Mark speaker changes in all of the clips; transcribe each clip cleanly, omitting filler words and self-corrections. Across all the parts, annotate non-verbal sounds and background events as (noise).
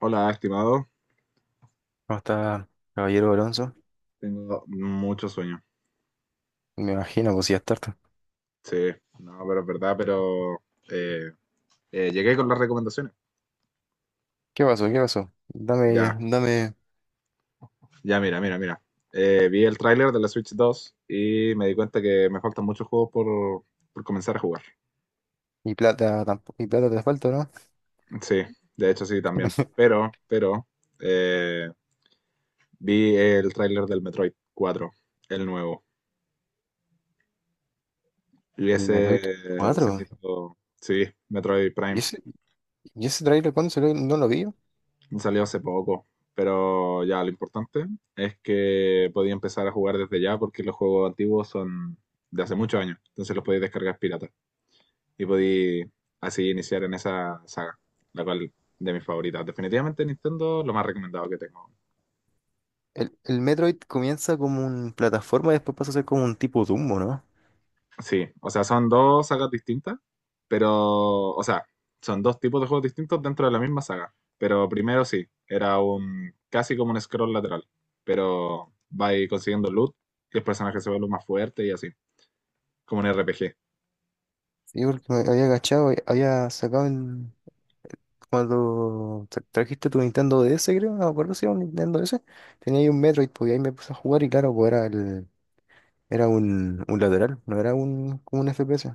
Speaker 1: Hola, estimado.
Speaker 2: ¿Cómo está, caballero Alonso?
Speaker 1: Tengo mucho sueño.
Speaker 2: Me imagino, pues si ya es tarde.
Speaker 1: Sí, no, pero es verdad, pero eh, llegué con las recomendaciones.
Speaker 2: ¿Qué pasó? ¿Qué pasó? Dame,
Speaker 1: Ya,
Speaker 2: dame.
Speaker 1: ya, mira, mira. Vi el tráiler de la Switch 2 y me di cuenta que me faltan muchos juegos por comenzar a jugar.
Speaker 2: Y plata tampoco. Y plata te falta, ¿no?
Speaker 1: Sí, de hecho sí, también.
Speaker 2: (laughs)
Speaker 1: Pero, eh, vi el tráiler del Metroid 4, el nuevo. Y
Speaker 2: El
Speaker 1: ese
Speaker 2: Metroid
Speaker 1: se me
Speaker 2: 4.
Speaker 1: hizo, sí, Metroid
Speaker 2: ¿Y
Speaker 1: Prime.
Speaker 2: ese, y ese trailer cuándo salió? No lo vi.
Speaker 1: Salió hace poco. Pero ya, lo importante es que podía empezar a jugar desde ya porque los juegos antiguos son de hace muchos años. Entonces los podéis descargar pirata. Y podéis así iniciar en esa saga, la cual de mis favoritas. Definitivamente Nintendo, lo más recomendado que tengo.
Speaker 2: El Metroid comienza como un plataforma y después pasa a ser como un tipo Dumbo, ¿no?
Speaker 1: Sí, o sea, son dos sagas distintas, pero, o sea, son dos tipos de juegos distintos dentro de la misma saga. Pero primero sí, era un casi como un scroll lateral, pero va a consiguiendo loot y el personaje se vuelve más fuerte y así, como un RPG.
Speaker 2: Sí, porque me había agachado, había sacado el. Cuando trajiste tu Nintendo DS, creo, no me acuerdo si era un Nintendo DS, tenía ahí un Metroid, pues y ahí me puse a jugar y claro, pues era un lateral, no era como un FPS.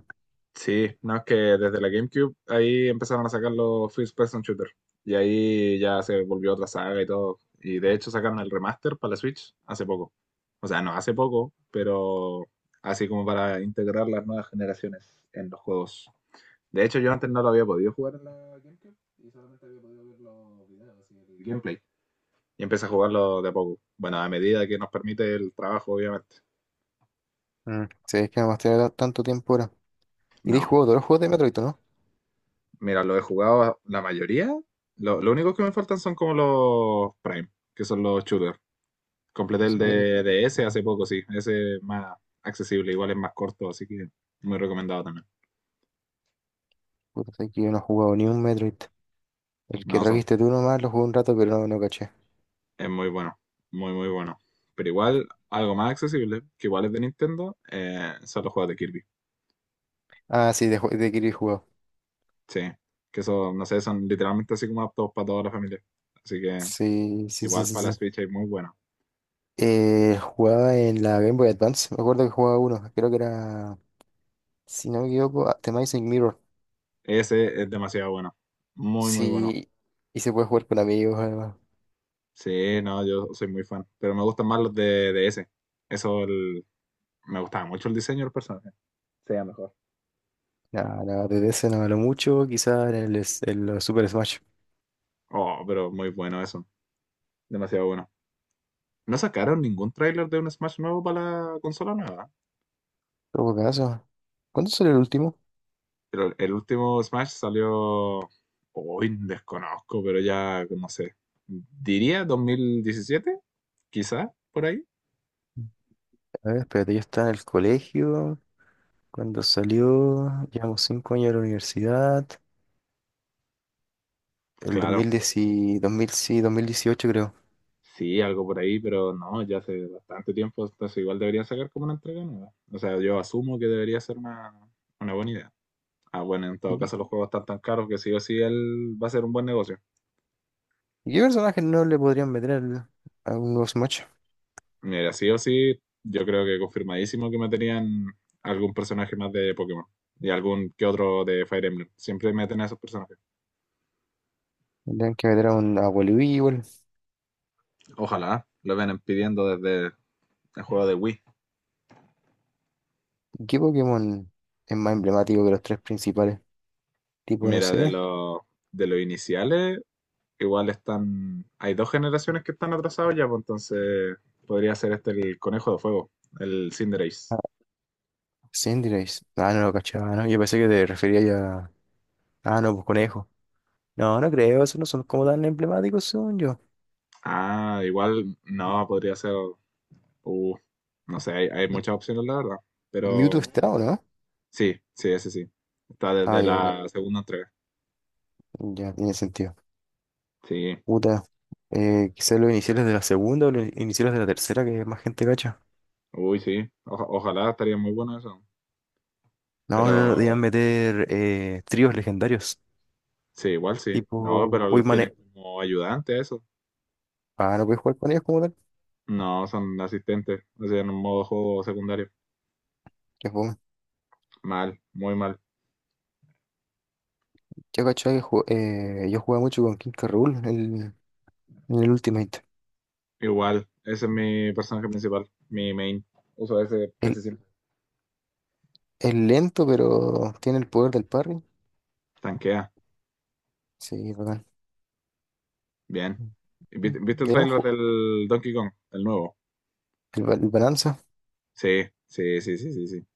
Speaker 1: Sí, no, es que desde la GameCube ahí empezaron a sacar los First Person Shooter. Y ahí ya se volvió otra saga y todo. Y de hecho sacaron el remaster para la Switch hace poco. O sea, no hace poco, pero así como para integrar las nuevas generaciones en los juegos. De hecho, yo antes no lo había podido jugar en la GameCube y solamente había podido ver los videos y el gameplay. Y empecé a jugarlo de a poco. Bueno, a medida que nos permite el trabajo, obviamente.
Speaker 2: Mm, sí, es que además tiene tanto tiempo ahora. Y te has
Speaker 1: No,
Speaker 2: jugado todos los juegos de Metroid, ¿o ¿no?
Speaker 1: mira, lo he jugado la mayoría. Lo único que me faltan son como los Prime, que son los shooters. Completé el
Speaker 2: Sí, Metroid.
Speaker 1: de ese hace
Speaker 2: Mm,
Speaker 1: poco, sí. Ese es más accesible, igual es más corto, así que muy recomendado también.
Speaker 2: Puta, sé que yo no he jugado ni un Metroid. El que
Speaker 1: No, son,
Speaker 2: trajiste tú nomás lo jugué un rato, pero no, no caché.
Speaker 1: es muy bueno, muy, muy bueno. Pero igual, algo más accesible, que igual es de Nintendo, son los juegos de Kirby.
Speaker 2: Ah, sí, de Kirby he jugado.
Speaker 1: Sí, que son, no sé, son literalmente así como aptos para toda la familia. Así que
Speaker 2: Sí, sí, sí,
Speaker 1: igual
Speaker 2: sí,
Speaker 1: para la
Speaker 2: sí.
Speaker 1: Switch es muy bueno.
Speaker 2: Jugaba en la Game Boy Advance. Me acuerdo que jugaba uno. Creo que era, si no me equivoco, The Amazing Mirror.
Speaker 1: Ese es demasiado bueno. Muy, muy bueno.
Speaker 2: Sí, y se puede jugar con amigos, además.
Speaker 1: Sí, no, yo soy muy fan, pero me gustan más los de ese. Eso, me gustaba mucho el diseño del personaje. Sería mejor.
Speaker 2: Nada, nada, desde ese no lo mucho. Quizás en los Super Smash.
Speaker 1: Oh, pero muy bueno eso, demasiado bueno. No sacaron ningún tráiler de un Smash nuevo para la consola nueva,
Speaker 2: Todo caso. ¿Cuándo salió el último?
Speaker 1: pero el último Smash salió, hoy desconozco, pero ya no sé, diría 2017, quizá, por ahí.
Speaker 2: A ver, espérate, yo estaba en el colegio cuando salió, llevamos 5 años a la universidad, el dos
Speaker 1: Claro,
Speaker 2: mil diez, dos mil sí, 2018 creo.
Speaker 1: sí, algo por ahí, pero no, ya hace bastante tiempo, entonces igual debería sacar como una entrega nueva. O sea, yo asumo que debería ser una buena idea. Ah, bueno, en
Speaker 2: ¿Y
Speaker 1: todo
Speaker 2: qué,
Speaker 1: caso los juegos están tan caros que sí o sí él va a ser un buen negocio.
Speaker 2: y qué personaje no le podrían meter a un nuevo Smash?
Speaker 1: Mira, sí o sí, yo creo que confirmadísimo que meterían algún personaje más de Pokémon y algún que otro de Fire Emblem. Siempre meten a esos personajes.
Speaker 2: Tendrían que meter a Wily igual.
Speaker 1: Ojalá, lo vienen pidiendo desde el juego de Wii.
Speaker 2: ¿Y qué Pokémon es más emblemático que los tres principales? Tipo, no
Speaker 1: Mira,
Speaker 2: sé,
Speaker 1: de los iniciales, igual están. Hay dos generaciones que están atrasados ya, pues entonces podría ser este el conejo de fuego, el Cinderace.
Speaker 2: a Cinderace. Ah, no lo cachaba, ¿no? Yo pensé que te refería ya. Ah, no, pues Conejo. No, no creo, esos no son como tan emblemáticos según yo.
Speaker 1: Ah, igual no, podría ser. uh, no sé, hay
Speaker 2: M-
Speaker 1: muchas opciones, la verdad.
Speaker 2: Mewtwo
Speaker 1: Pero
Speaker 2: está, ¿o no?
Speaker 1: sí, sí, ese sí. Está
Speaker 2: Ah,
Speaker 1: desde
Speaker 2: ya,
Speaker 1: la segunda entrega.
Speaker 2: ya tiene sentido.
Speaker 1: Sí,
Speaker 2: Puta, quizás los iniciales de la segunda o los iniciales de la tercera, que más gente cacha.
Speaker 1: uy, sí. Ojalá estaría muy bueno eso.
Speaker 2: No, no, no, debían
Speaker 1: Pero
Speaker 2: meter tríos legendarios,
Speaker 1: sí, igual sí. No,
Speaker 2: tipo
Speaker 1: pero los
Speaker 2: Poimane.
Speaker 1: tienes como ayudantes, eso.
Speaker 2: Ah, no puedes jugar con ellos como tal.
Speaker 1: No, son asistentes. O sea, en un modo juego secundario.
Speaker 2: Qué fome.
Speaker 1: Mal, muy mal.
Speaker 2: Yo cachaba que yo jugaba mucho con King K. Rool en en el Ultimate.
Speaker 1: Igual, ese es mi personaje principal, mi main. Uso ese
Speaker 2: El,
Speaker 1: casi siempre.
Speaker 2: es lento, pero tiene el poder del parry.
Speaker 1: Tanquea,
Speaker 2: Sí, bacán.
Speaker 1: bien. ¿Y
Speaker 2: Mm.
Speaker 1: viste, viste el
Speaker 2: Digamos,
Speaker 1: trailer del Donkey Kong, el nuevo?
Speaker 2: el Balanza.
Speaker 1: Sí, sí, sí, sí, sí, sí.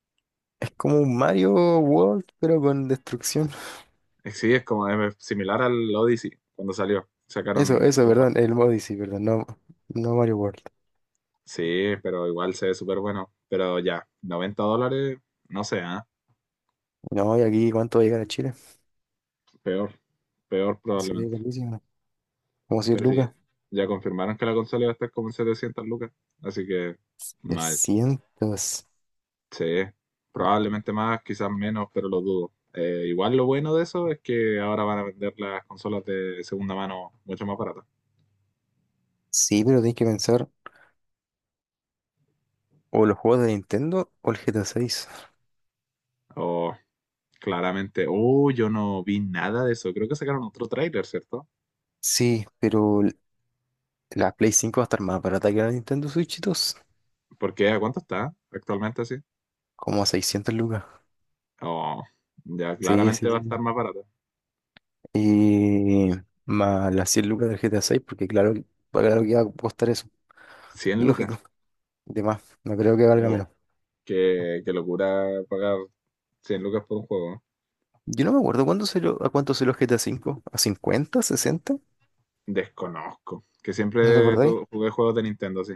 Speaker 2: Es como un Mario World, pero con destrucción.
Speaker 1: Es- sí, es como es similar al Odyssey cuando salió. Sacaron
Speaker 2: Eso,
Speaker 1: un
Speaker 2: eso,
Speaker 1: juego
Speaker 2: perdón, el
Speaker 1: bastante.
Speaker 2: Odyssey, perdón, no, no Mario World.
Speaker 1: Sí, pero igual se ve súper bueno. Pero ya, $90, no sé, ¿ah?
Speaker 2: No, y aquí, ¿cuánto va a llegar a Chile?
Speaker 1: Peor, peor
Speaker 2: Sería
Speaker 1: probablemente.
Speaker 2: buenísimo. Como 100
Speaker 1: Pero sí,
Speaker 2: lucas.
Speaker 1: ya confirmaron que la consola va a estar como en 700 lucas. Así que,
Speaker 2: De
Speaker 1: mal. Sí, probablemente más, quizás menos, pero lo dudo. Igual lo bueno de eso es que ahora van a vender las consolas de segunda mano mucho más baratas.
Speaker 2: Sí, pero tenés que pensar o los juegos de Nintendo o el GTA 6.
Speaker 1: O claramente, oh, yo no vi nada de eso. Creo que sacaron otro tráiler, ¿cierto?
Speaker 2: Sí, pero la Play 5 va a estar más barata que la Nintendo Switch 2.
Speaker 1: Porque ¿a cuánto está actualmente así?
Speaker 2: Como a 600 lucas.
Speaker 1: Oh, ya
Speaker 2: Sí,
Speaker 1: claramente
Speaker 2: sí,
Speaker 1: va a estar
Speaker 2: sí.
Speaker 1: más barata.
Speaker 2: Y más las 100 lucas del GTA 6, porque claro, claro que va a costar eso.
Speaker 1: 100 lucas.
Speaker 2: Lógico. De más, no creo que valga
Speaker 1: Oh,
Speaker 2: menos.
Speaker 1: qué, qué locura pagar 100 lucas por un juego.
Speaker 2: Yo no me acuerdo cuándo se a cuánto se los GTA 5. ¿A cinco? ¿A 50 sesenta?
Speaker 1: Desconozco. Que
Speaker 2: ¿No te
Speaker 1: siempre
Speaker 2: acordáis?
Speaker 1: jugué juegos de Nintendo así.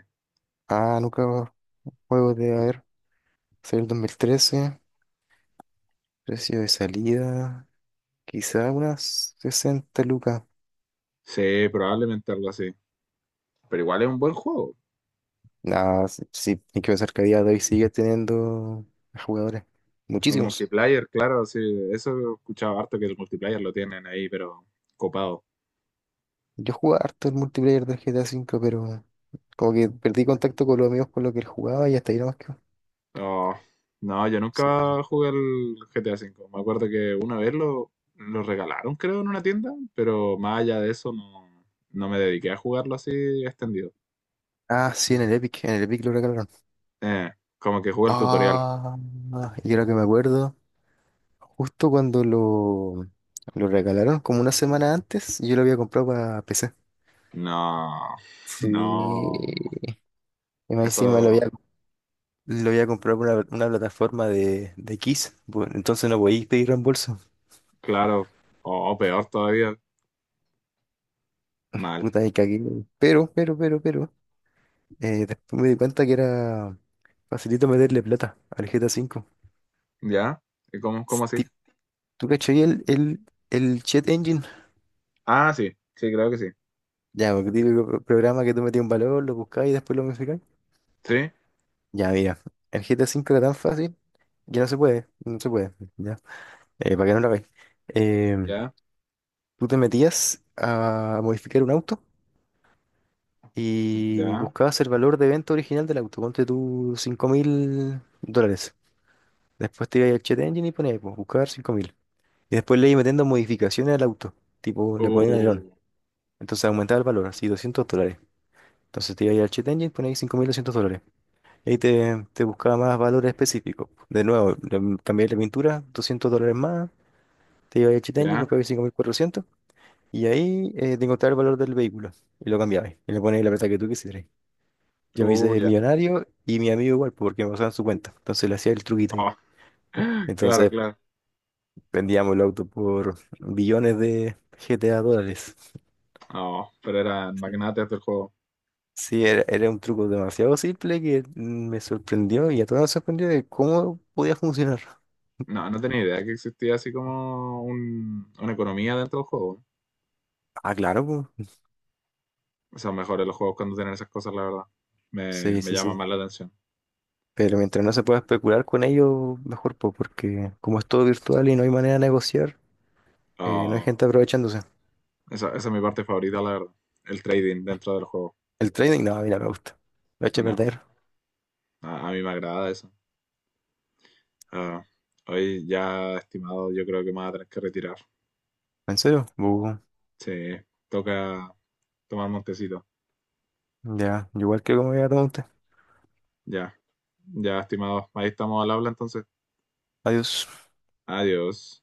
Speaker 2: Ah, nunca. Juegos de, a ver, salió el 2013, precio de salida, quizá unas 60 lucas.
Speaker 1: Sí, probablemente algo así. Pero igual es un buen juego.
Speaker 2: Nada, sí, sí, hay que pensar que a día de hoy sigue teniendo jugadores,
Speaker 1: El
Speaker 2: muchísimos.
Speaker 1: multiplayer, claro, sí, eso he escuchado harto que el multiplayer lo tienen ahí, pero copado.
Speaker 2: Yo jugaba harto el multiplayer del GTA V, pero como que perdí contacto con los amigos con los que él jugaba y hasta ahí nomás quedó.
Speaker 1: Oh, no, yo
Speaker 2: Sí.
Speaker 1: nunca jugué al GTA V. Me acuerdo que una vez lo regalaron, creo, en una tienda, pero más allá de eso no, no me dediqué a jugarlo así extendido.
Speaker 2: Ah, sí, en el Epic lo regalaron.
Speaker 1: Eh, Como que jugué el tutorial.
Speaker 2: Ah, y ahora que me acuerdo, justo cuando lo regalaron, como una semana antes, yo lo había comprado para PC.
Speaker 1: No, (laughs)
Speaker 2: Sí,
Speaker 1: no, no.
Speaker 2: y más encima lo
Speaker 1: Eso,
Speaker 2: había lo había comprado por una plataforma de Kiss. Entonces no podéis pedir reembolso.
Speaker 1: claro, o peor todavía, mal.
Speaker 2: Puta, me cagué. Pero. Después me di cuenta que era facilito meterle plata al GTA 5.
Speaker 1: ¿Ya? Y ¿cómo así?
Speaker 2: Ti- ¿Tú cachai el Chat Engine?
Speaker 1: Ah, sí, sí, creo que sí.
Speaker 2: Ya, porque típico programa que tú metías un valor, lo buscáis y después lo modificáis.
Speaker 1: Sí,
Speaker 2: Ya, mira. El GTA 5 era tan fácil que no se puede. No se puede. Ya. Para que no lo veáis. Eh,
Speaker 1: ya,
Speaker 2: Tú te metías a modificar un auto. Y
Speaker 1: ya.
Speaker 2: buscabas el valor de venta original del auto, ponte tú $5000. Después te ibas al Chat Engine y ponías, pues, buscar 5000. Y después le ibas metiendo modificaciones al auto, tipo le ponías un alerón.
Speaker 1: Oh,
Speaker 2: Entonces aumentaba el valor, así $200. Entonces te ibas al Chat Engine y ponías $5200. Y ahí te buscaba más valores específicos. De nuevo, cambiar la pintura, $200 más. Te ibas al Chat Engine,
Speaker 1: ya.
Speaker 2: buscabas 5400. Y ahí te encontraba el valor del vehículo. Y lo cambiabas. Y le ponías la plata que tú quisieras. Yo me
Speaker 1: Oh,
Speaker 2: hice
Speaker 1: ya.
Speaker 2: millonario y mi amigo igual, porque me pasaban su cuenta. Entonces le hacía el truquito ahí.
Speaker 1: Oh, (laughs) claro,
Speaker 2: Entonces
Speaker 1: claro.
Speaker 2: vendíamos el auto por billones de GTA dólares.
Speaker 1: Oh, pero eran
Speaker 2: Sí,
Speaker 1: magnates del juego.
Speaker 2: sí, era un truco demasiado simple que me sorprendió y a todos nos sorprendió de cómo podía funcionar.
Speaker 1: No, no tenía idea que existía así como una economía dentro del juego.
Speaker 2: Ah, claro, po.
Speaker 1: O sea, mejores los juegos cuando tienen esas cosas, la verdad. Me,
Speaker 2: Sí,
Speaker 1: me
Speaker 2: sí,
Speaker 1: llama
Speaker 2: sí.
Speaker 1: más la atención.
Speaker 2: Pero mientras no se pueda especular con ello, mejor, po, porque como es todo virtual y no hay manera de negociar, no hay
Speaker 1: Oh,
Speaker 2: gente aprovechándose.
Speaker 1: esa es mi parte favorita, la verdad. El trading dentro del juego.
Speaker 2: El trading, no, mira, me gusta. Lo he hecho
Speaker 1: No,
Speaker 2: perder.
Speaker 1: a mí me agrada eso. Ah, hoy ya, estimado, yo creo que me voy a tener que retirar.
Speaker 2: ¿En serio? Bu.
Speaker 1: Sí, toca tomar montecito.
Speaker 2: Ya, igual que como ya te, tomar.
Speaker 1: Ya, ya, estimado. Ahí estamos al habla entonces.
Speaker 2: Adiós.
Speaker 1: Adiós.